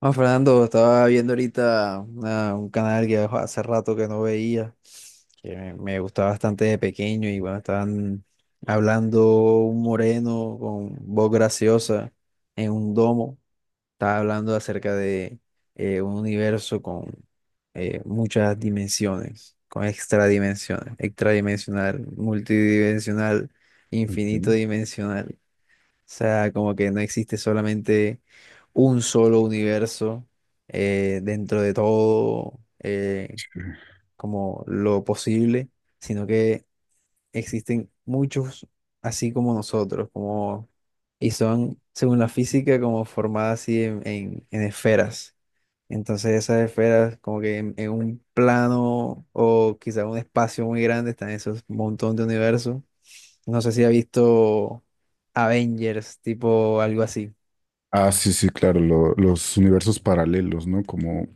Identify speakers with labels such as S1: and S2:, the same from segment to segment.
S1: Ah, Fernando, estaba viendo ahorita un canal que jo, hace rato que no veía, que me gustaba bastante de pequeño y bueno, estaban hablando un moreno con voz graciosa en un domo. Estaba hablando acerca de un universo con muchas dimensiones, con extradimensiones, extradimensional, multidimensional,
S2: Ok.
S1: infinito
S2: Sí.
S1: dimensional sea, como que no existe solamente un solo universo dentro de todo como lo posible, sino que existen muchos así como nosotros, como, y son, según la física, como formadas así en esferas. Entonces esas esferas como que en un plano o quizá un espacio muy grande están esos montón de universos. No sé si ha visto Avengers, tipo algo así.
S2: Ah, sí, sí, claro, los universos paralelos, ¿no? Como,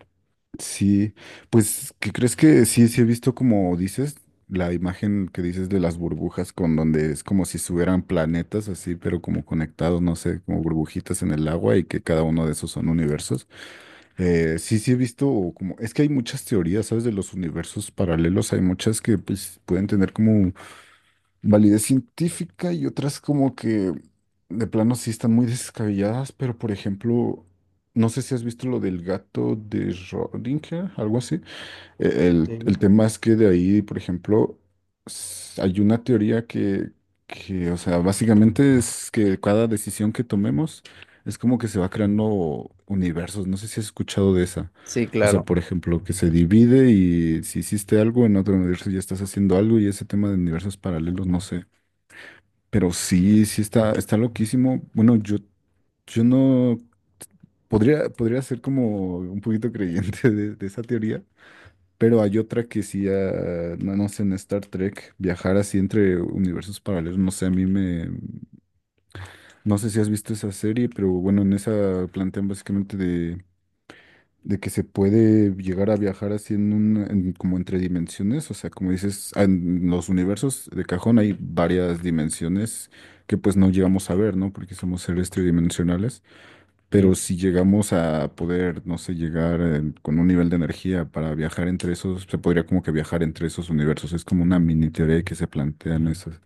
S2: sí, pues, ¿qué crees que sí, sí he visto como dices, la imagen que dices de las burbujas, con donde es como si estuvieran planetas así, pero como conectados, no sé, como burbujitas en el agua y que cada uno de esos son universos? Sí, sí he visto o como, es que hay muchas teorías, ¿sabes? De los universos paralelos, hay muchas que pues pueden tener como validez científica y otras como que de plano sí están muy descabelladas, pero por ejemplo, no sé si has visto lo del gato de Schrödinger, algo así
S1: Sí.
S2: el tema es que de ahí, por ejemplo, hay una teoría que, o sea, básicamente es que cada decisión que tomemos es como que se va creando universos. No sé si has escuchado de esa.
S1: Sí,
S2: O sea,
S1: claro.
S2: por ejemplo, que se divide y si hiciste algo en otro universo ya estás haciendo algo y ese tema de universos paralelos, no sé. Pero sí, sí está, está loquísimo. Bueno, yo no podría ser como un poquito creyente de esa teoría. Pero hay otra que sí, ah, no, no sé, en Star Trek, viajar así entre universos paralelos, no sé, a mí me... No sé si has visto esa serie, pero bueno, en esa plantean básicamente de que se puede llegar a viajar así en un, como entre dimensiones, o sea, como dices, en los universos de cajón hay varias dimensiones que pues no llegamos a ver, ¿no? Porque somos seres tridimensionales. Pero si llegamos a poder, no sé, llegar con un nivel de energía para viajar entre esos, se podría como que viajar entre esos universos. Es como una mini teoría que se plantean esas.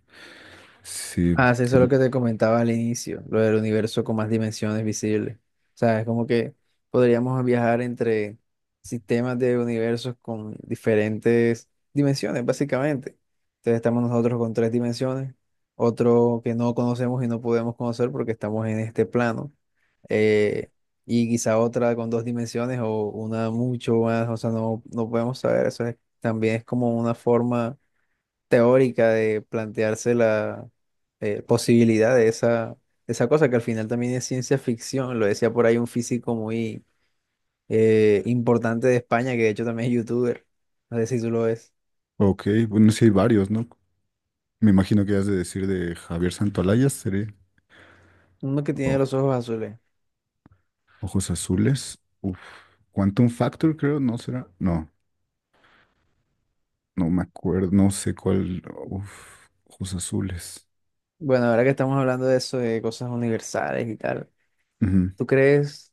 S2: Sí,
S1: Ah, sí, eso es lo
S2: como-
S1: que te comentaba al inicio, lo del universo con más dimensiones visibles. O sea, es como que podríamos viajar entre sistemas de universos con diferentes dimensiones, básicamente. Entonces estamos nosotros con tres dimensiones, otro que no conocemos y no podemos conocer porque estamos en este plano, eh, y quizá otra con dos dimensiones o una mucho más, o sea, no, no podemos saber. También es como una forma teórica de plantearse la posibilidad de esa cosa que al final también es ciencia ficción. Lo decía por ahí un físico muy importante de España, que de hecho también es youtuber. No sé si tú lo ves.
S2: ok, bueno, sí hay varios, ¿no? Me imagino que has de decir de Javier Santolayas, sería,
S1: Uno que tiene
S2: o
S1: los ojos azules.
S2: Ojos Azules. Uf, Quantum Factor, creo, ¿no será? No, no me acuerdo, no sé cuál. Uf, Ojos Azules.
S1: Bueno, ahora que estamos hablando de eso, de cosas universales y tal, ¿tú crees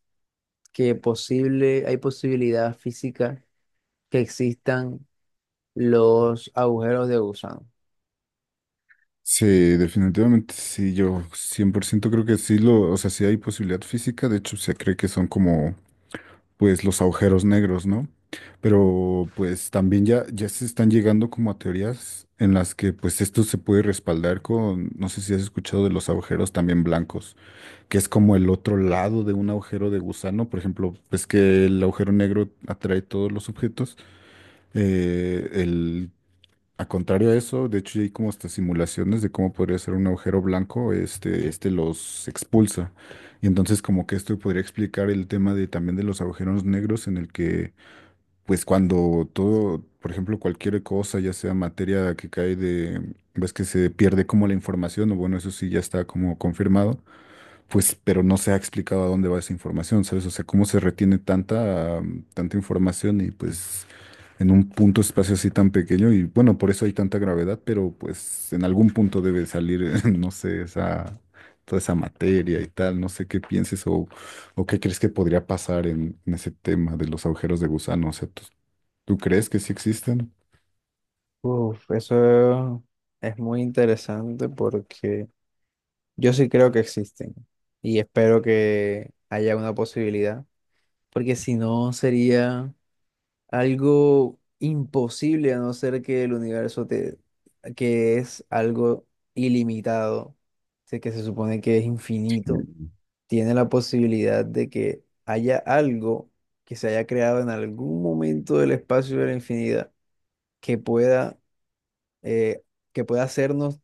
S1: que posible, hay posibilidad física que existan los agujeros de gusano?
S2: Sí, definitivamente sí, yo 100% creo que sí lo, o sea, sí hay posibilidad física, de hecho se cree que son como pues los agujeros negros, ¿no? Pero pues también ya se están llegando como a teorías en las que pues esto se puede respaldar con, no sé si has escuchado de los agujeros también blancos, que es como el otro lado de un agujero de gusano, por ejemplo, pues que el agujero negro atrae todos los objetos, el a contrario a eso, de hecho ya hay como hasta simulaciones de cómo podría ser un agujero blanco, este los expulsa. Y entonces como que esto podría explicar el tema de también de los agujeros negros en el que, pues cuando todo, por ejemplo, cualquier cosa, ya sea materia que cae de, ves que se pierde como la información, o bueno, eso sí ya está como confirmado, pues, pero no se ha explicado a dónde va esa información, ¿sabes? O sea, cómo se retiene tanta, tanta información y pues en un punto espacio así tan pequeño y bueno, por eso hay tanta gravedad, pero pues en algún punto debe salir, no sé, esa, toda esa materia y tal, no sé qué pienses o qué crees que podría pasar en ese tema de los agujeros de gusano, o sea, ¿tú, tú crees que sí existen?
S1: Uf, eso es muy interesante porque yo sí creo que existen y espero que haya una posibilidad, porque si no sería algo imposible a no ser que el universo te, que es algo ilimitado, sé que se supone que es infinito, tiene la posibilidad de que haya algo que se haya creado en algún momento del espacio de la infinidad que pueda, eh, que pueda hacernos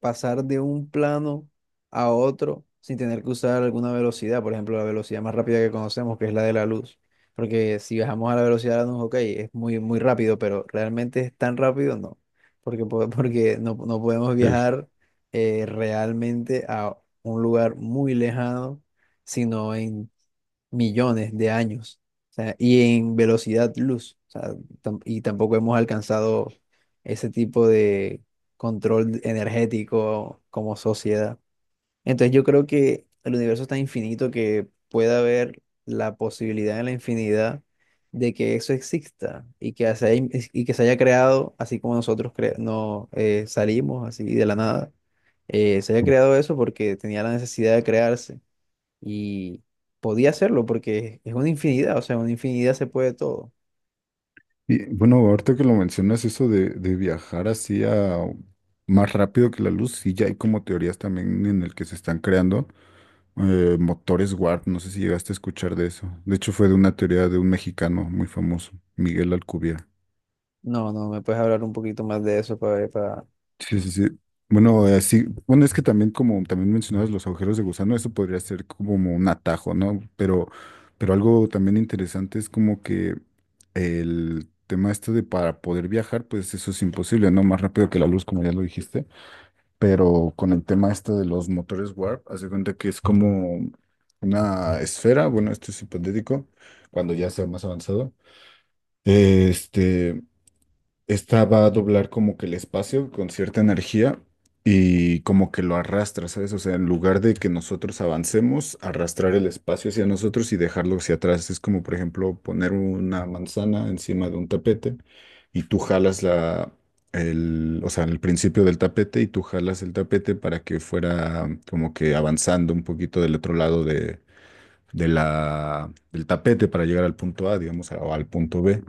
S1: pasar de un plano a otro sin tener que usar alguna velocidad, por ejemplo, la velocidad más rápida que conocemos, que es la de la luz. Porque si bajamos a la velocidad de la luz, ok, es muy, muy rápido, pero realmente es tan rápido, no. Porque no podemos
S2: Sí.
S1: viajar realmente a un lugar muy lejano, sino en millones de años, o sea, y en velocidad luz, o sea, y tampoco hemos alcanzado ese tipo de control energético como sociedad. Entonces yo creo que el universo es tan infinito que puede haber la posibilidad en la infinidad de que eso exista y que se haya creado así como nosotros no, salimos así de la nada. Se haya creado eso porque tenía la necesidad de crearse y podía hacerlo porque es una infinidad, o sea, una infinidad se puede todo.
S2: Y bueno, ahorita que lo mencionas, eso de viajar así a más rápido que la luz, sí, ya hay como teorías también en el que se están creando motores warp, no sé si llegaste a escuchar de eso. De hecho, fue de una teoría de un mexicano muy famoso, Miguel Alcubierre.
S1: No, no, ¿me puedes hablar un poquito más de eso para ver? Para...
S2: Sí, sí, sí. Bueno, así, bueno, es que también como también mencionabas los agujeros de gusano, eso podría ser como un atajo, ¿no? Pero algo también interesante es como que el tema este de para poder viajar, pues eso es imposible, ¿no? Más rápido que la luz, como ya lo dijiste. Pero con el tema este de los motores warp, haz de cuenta que es como una esfera, bueno, esto es hipotético, cuando ya sea más avanzado. Este Esta va a doblar como que el espacio con cierta energía y como que lo arrastra, ¿sabes? O sea, en lugar de que nosotros avancemos, arrastrar el espacio hacia nosotros y dejarlo hacia atrás. Es como, por ejemplo, poner una manzana encima de un tapete y tú jalas la, el, o sea, el principio del tapete y tú jalas el tapete para que fuera como que avanzando un poquito del otro lado de la, del tapete para llegar al punto A, digamos, o al punto B.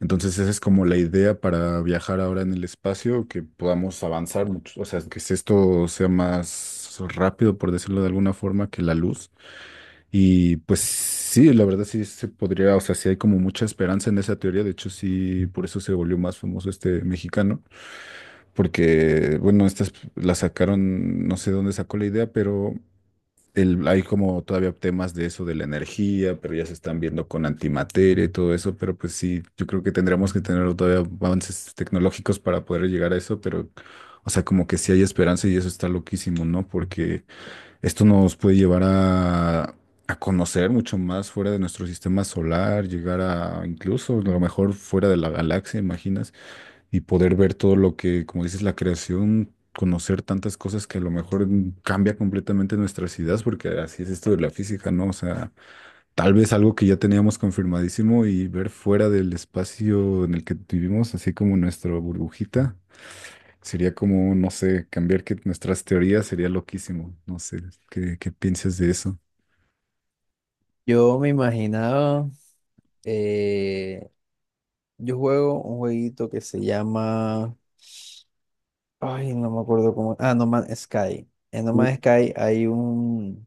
S2: Entonces, esa es como la idea para viajar ahora en el espacio, que podamos avanzar mucho, o sea, que si esto sea más rápido, por decirlo de alguna forma, que la luz. Y pues sí, la verdad sí se podría, o sea, sí hay como mucha esperanza en esa teoría, de hecho sí, por eso se volvió más famoso este mexicano, porque bueno, estas la sacaron, no sé dónde sacó la idea, pero hay como todavía temas de eso de la energía, pero ya se están viendo con antimateria y todo eso, pero pues sí, yo creo que tendremos que tener todavía avances tecnológicos para poder llegar a eso, pero o sea, como que sí hay esperanza y eso está loquísimo, ¿no? Porque esto nos puede llevar a conocer mucho más fuera de nuestro sistema solar, llegar a incluso a lo mejor fuera de la galaxia, imaginas y poder ver todo lo que, como dices, la creación, conocer tantas cosas que a lo mejor cambia completamente nuestras ideas, porque así es esto de la física, ¿no? O sea, tal vez algo que ya teníamos confirmadísimo y ver fuera del espacio en el que vivimos, así como nuestra burbujita, sería como, no sé, cambiar que nuestras teorías sería loquísimo. No sé, ¿qué, qué piensas de eso?
S1: Yo me imaginaba, eh, yo juego un jueguito que se llama, ay, no me acuerdo cómo, ah, No Man's Sky. En No Man's Sky hay un,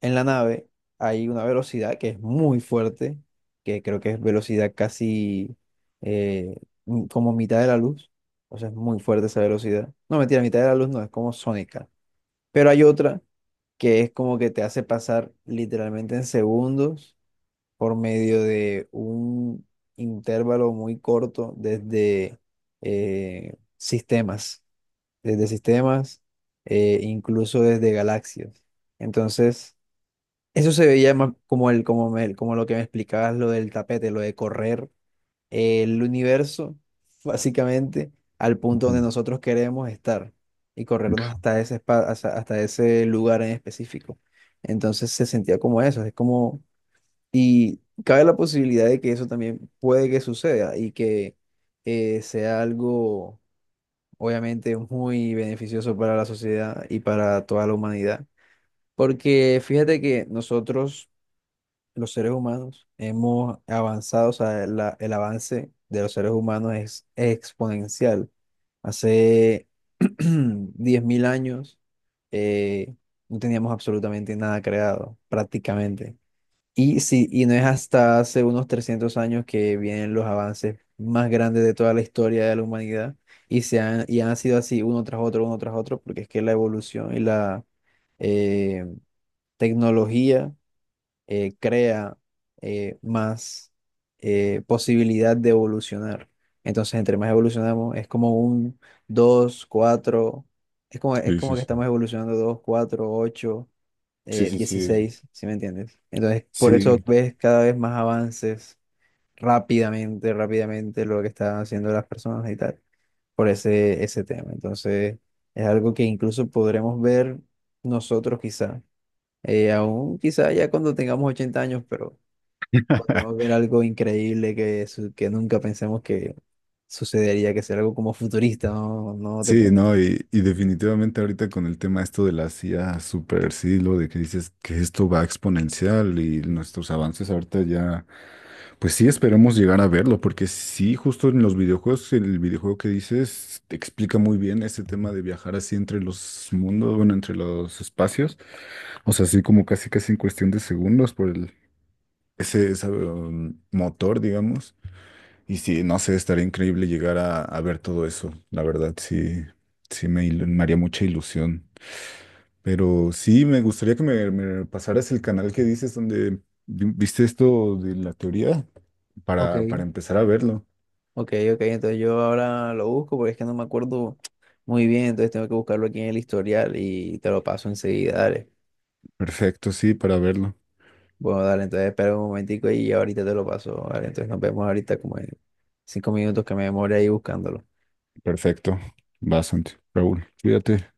S1: en la nave hay una velocidad que es muy fuerte, que creo que es velocidad casi eh, como mitad de la luz. O sea, es muy fuerte esa velocidad. No, mentira, mitad de la luz no, es como sónica. Pero hay otra que es como que te hace pasar literalmente en segundos por medio de un intervalo muy corto desde eh, sistemas, desde sistemas, incluso desde galaxias. Entonces... Eso se veía más como el, como lo que me explicabas, lo del tapete, lo de correr el universo, básicamente, al punto donde
S2: Ujú.
S1: nosotros queremos estar y corrernos hasta ese hasta ese lugar en específico. Entonces se sentía como eso, es como, y cabe la posibilidad de que eso también puede que suceda y que sea algo, obviamente, muy beneficioso para la sociedad y para toda la humanidad. Porque fíjate que nosotros los seres humanos hemos avanzado, o sea, el avance de los seres humanos es exponencial. Hace 10.000 años eh, no teníamos absolutamente nada creado, prácticamente. Y, sí, y no es hasta hace unos 300 años que vienen los avances más grandes de toda la historia de la humanidad y, se han, y han sido así uno tras otro, porque es que la evolución y la eh, tecnología crea más posibilidad de evolucionar. Entonces, entre más evolucionamos, es como un 2 4 es
S2: Sí,
S1: como
S2: sí,
S1: que
S2: sí.
S1: estamos evolucionando 2 4 8
S2: Sí, sí, sí.
S1: 16, ¿sí me entiendes? Entonces, por eso
S2: Sí.
S1: ves cada vez más avances rápidamente, rápidamente lo que están haciendo las personas y tal, por ese tema. Entonces, es algo que incluso podremos ver nosotros quizá, aún quizá ya cuando tengamos 80 años, pero podríamos ver algo increíble que, que nunca pensemos que sucedería, que sea algo como futurista, ¿no? No te
S2: Sí,
S1: puedo
S2: no, y definitivamente ahorita con el tema esto de la IA super siglo, de que dices que esto va exponencial y
S1: decir.
S2: nuestros avances ahorita ya, pues sí esperamos llegar a verlo, porque sí, justo en los videojuegos, el videojuego que dices te explica muy bien ese tema de viajar así entre los mundos, bueno, entre los espacios, o sea, así como casi casi en cuestión de segundos por el, ese, esa, motor, digamos. Y sí, no sé, estaría increíble llegar a ver todo eso. La verdad, sí, sí me, me haría mucha ilusión. Pero sí, me gustaría que me pasaras el canal que dices donde viste esto de la teoría
S1: Ok,
S2: para empezar a verlo.
S1: ok, ok, entonces yo ahora lo busco porque es que no me acuerdo muy bien, entonces tengo que buscarlo aquí en el historial y te lo paso enseguida, dale.
S2: Perfecto, sí, para verlo.
S1: Bueno, dale, entonces espera un momentico y ahorita te lo paso, dale, entonces nos vemos ahorita como en 5 minutos que me demore ahí buscándolo.
S2: Perfecto. Bastante. Raúl, cuídate.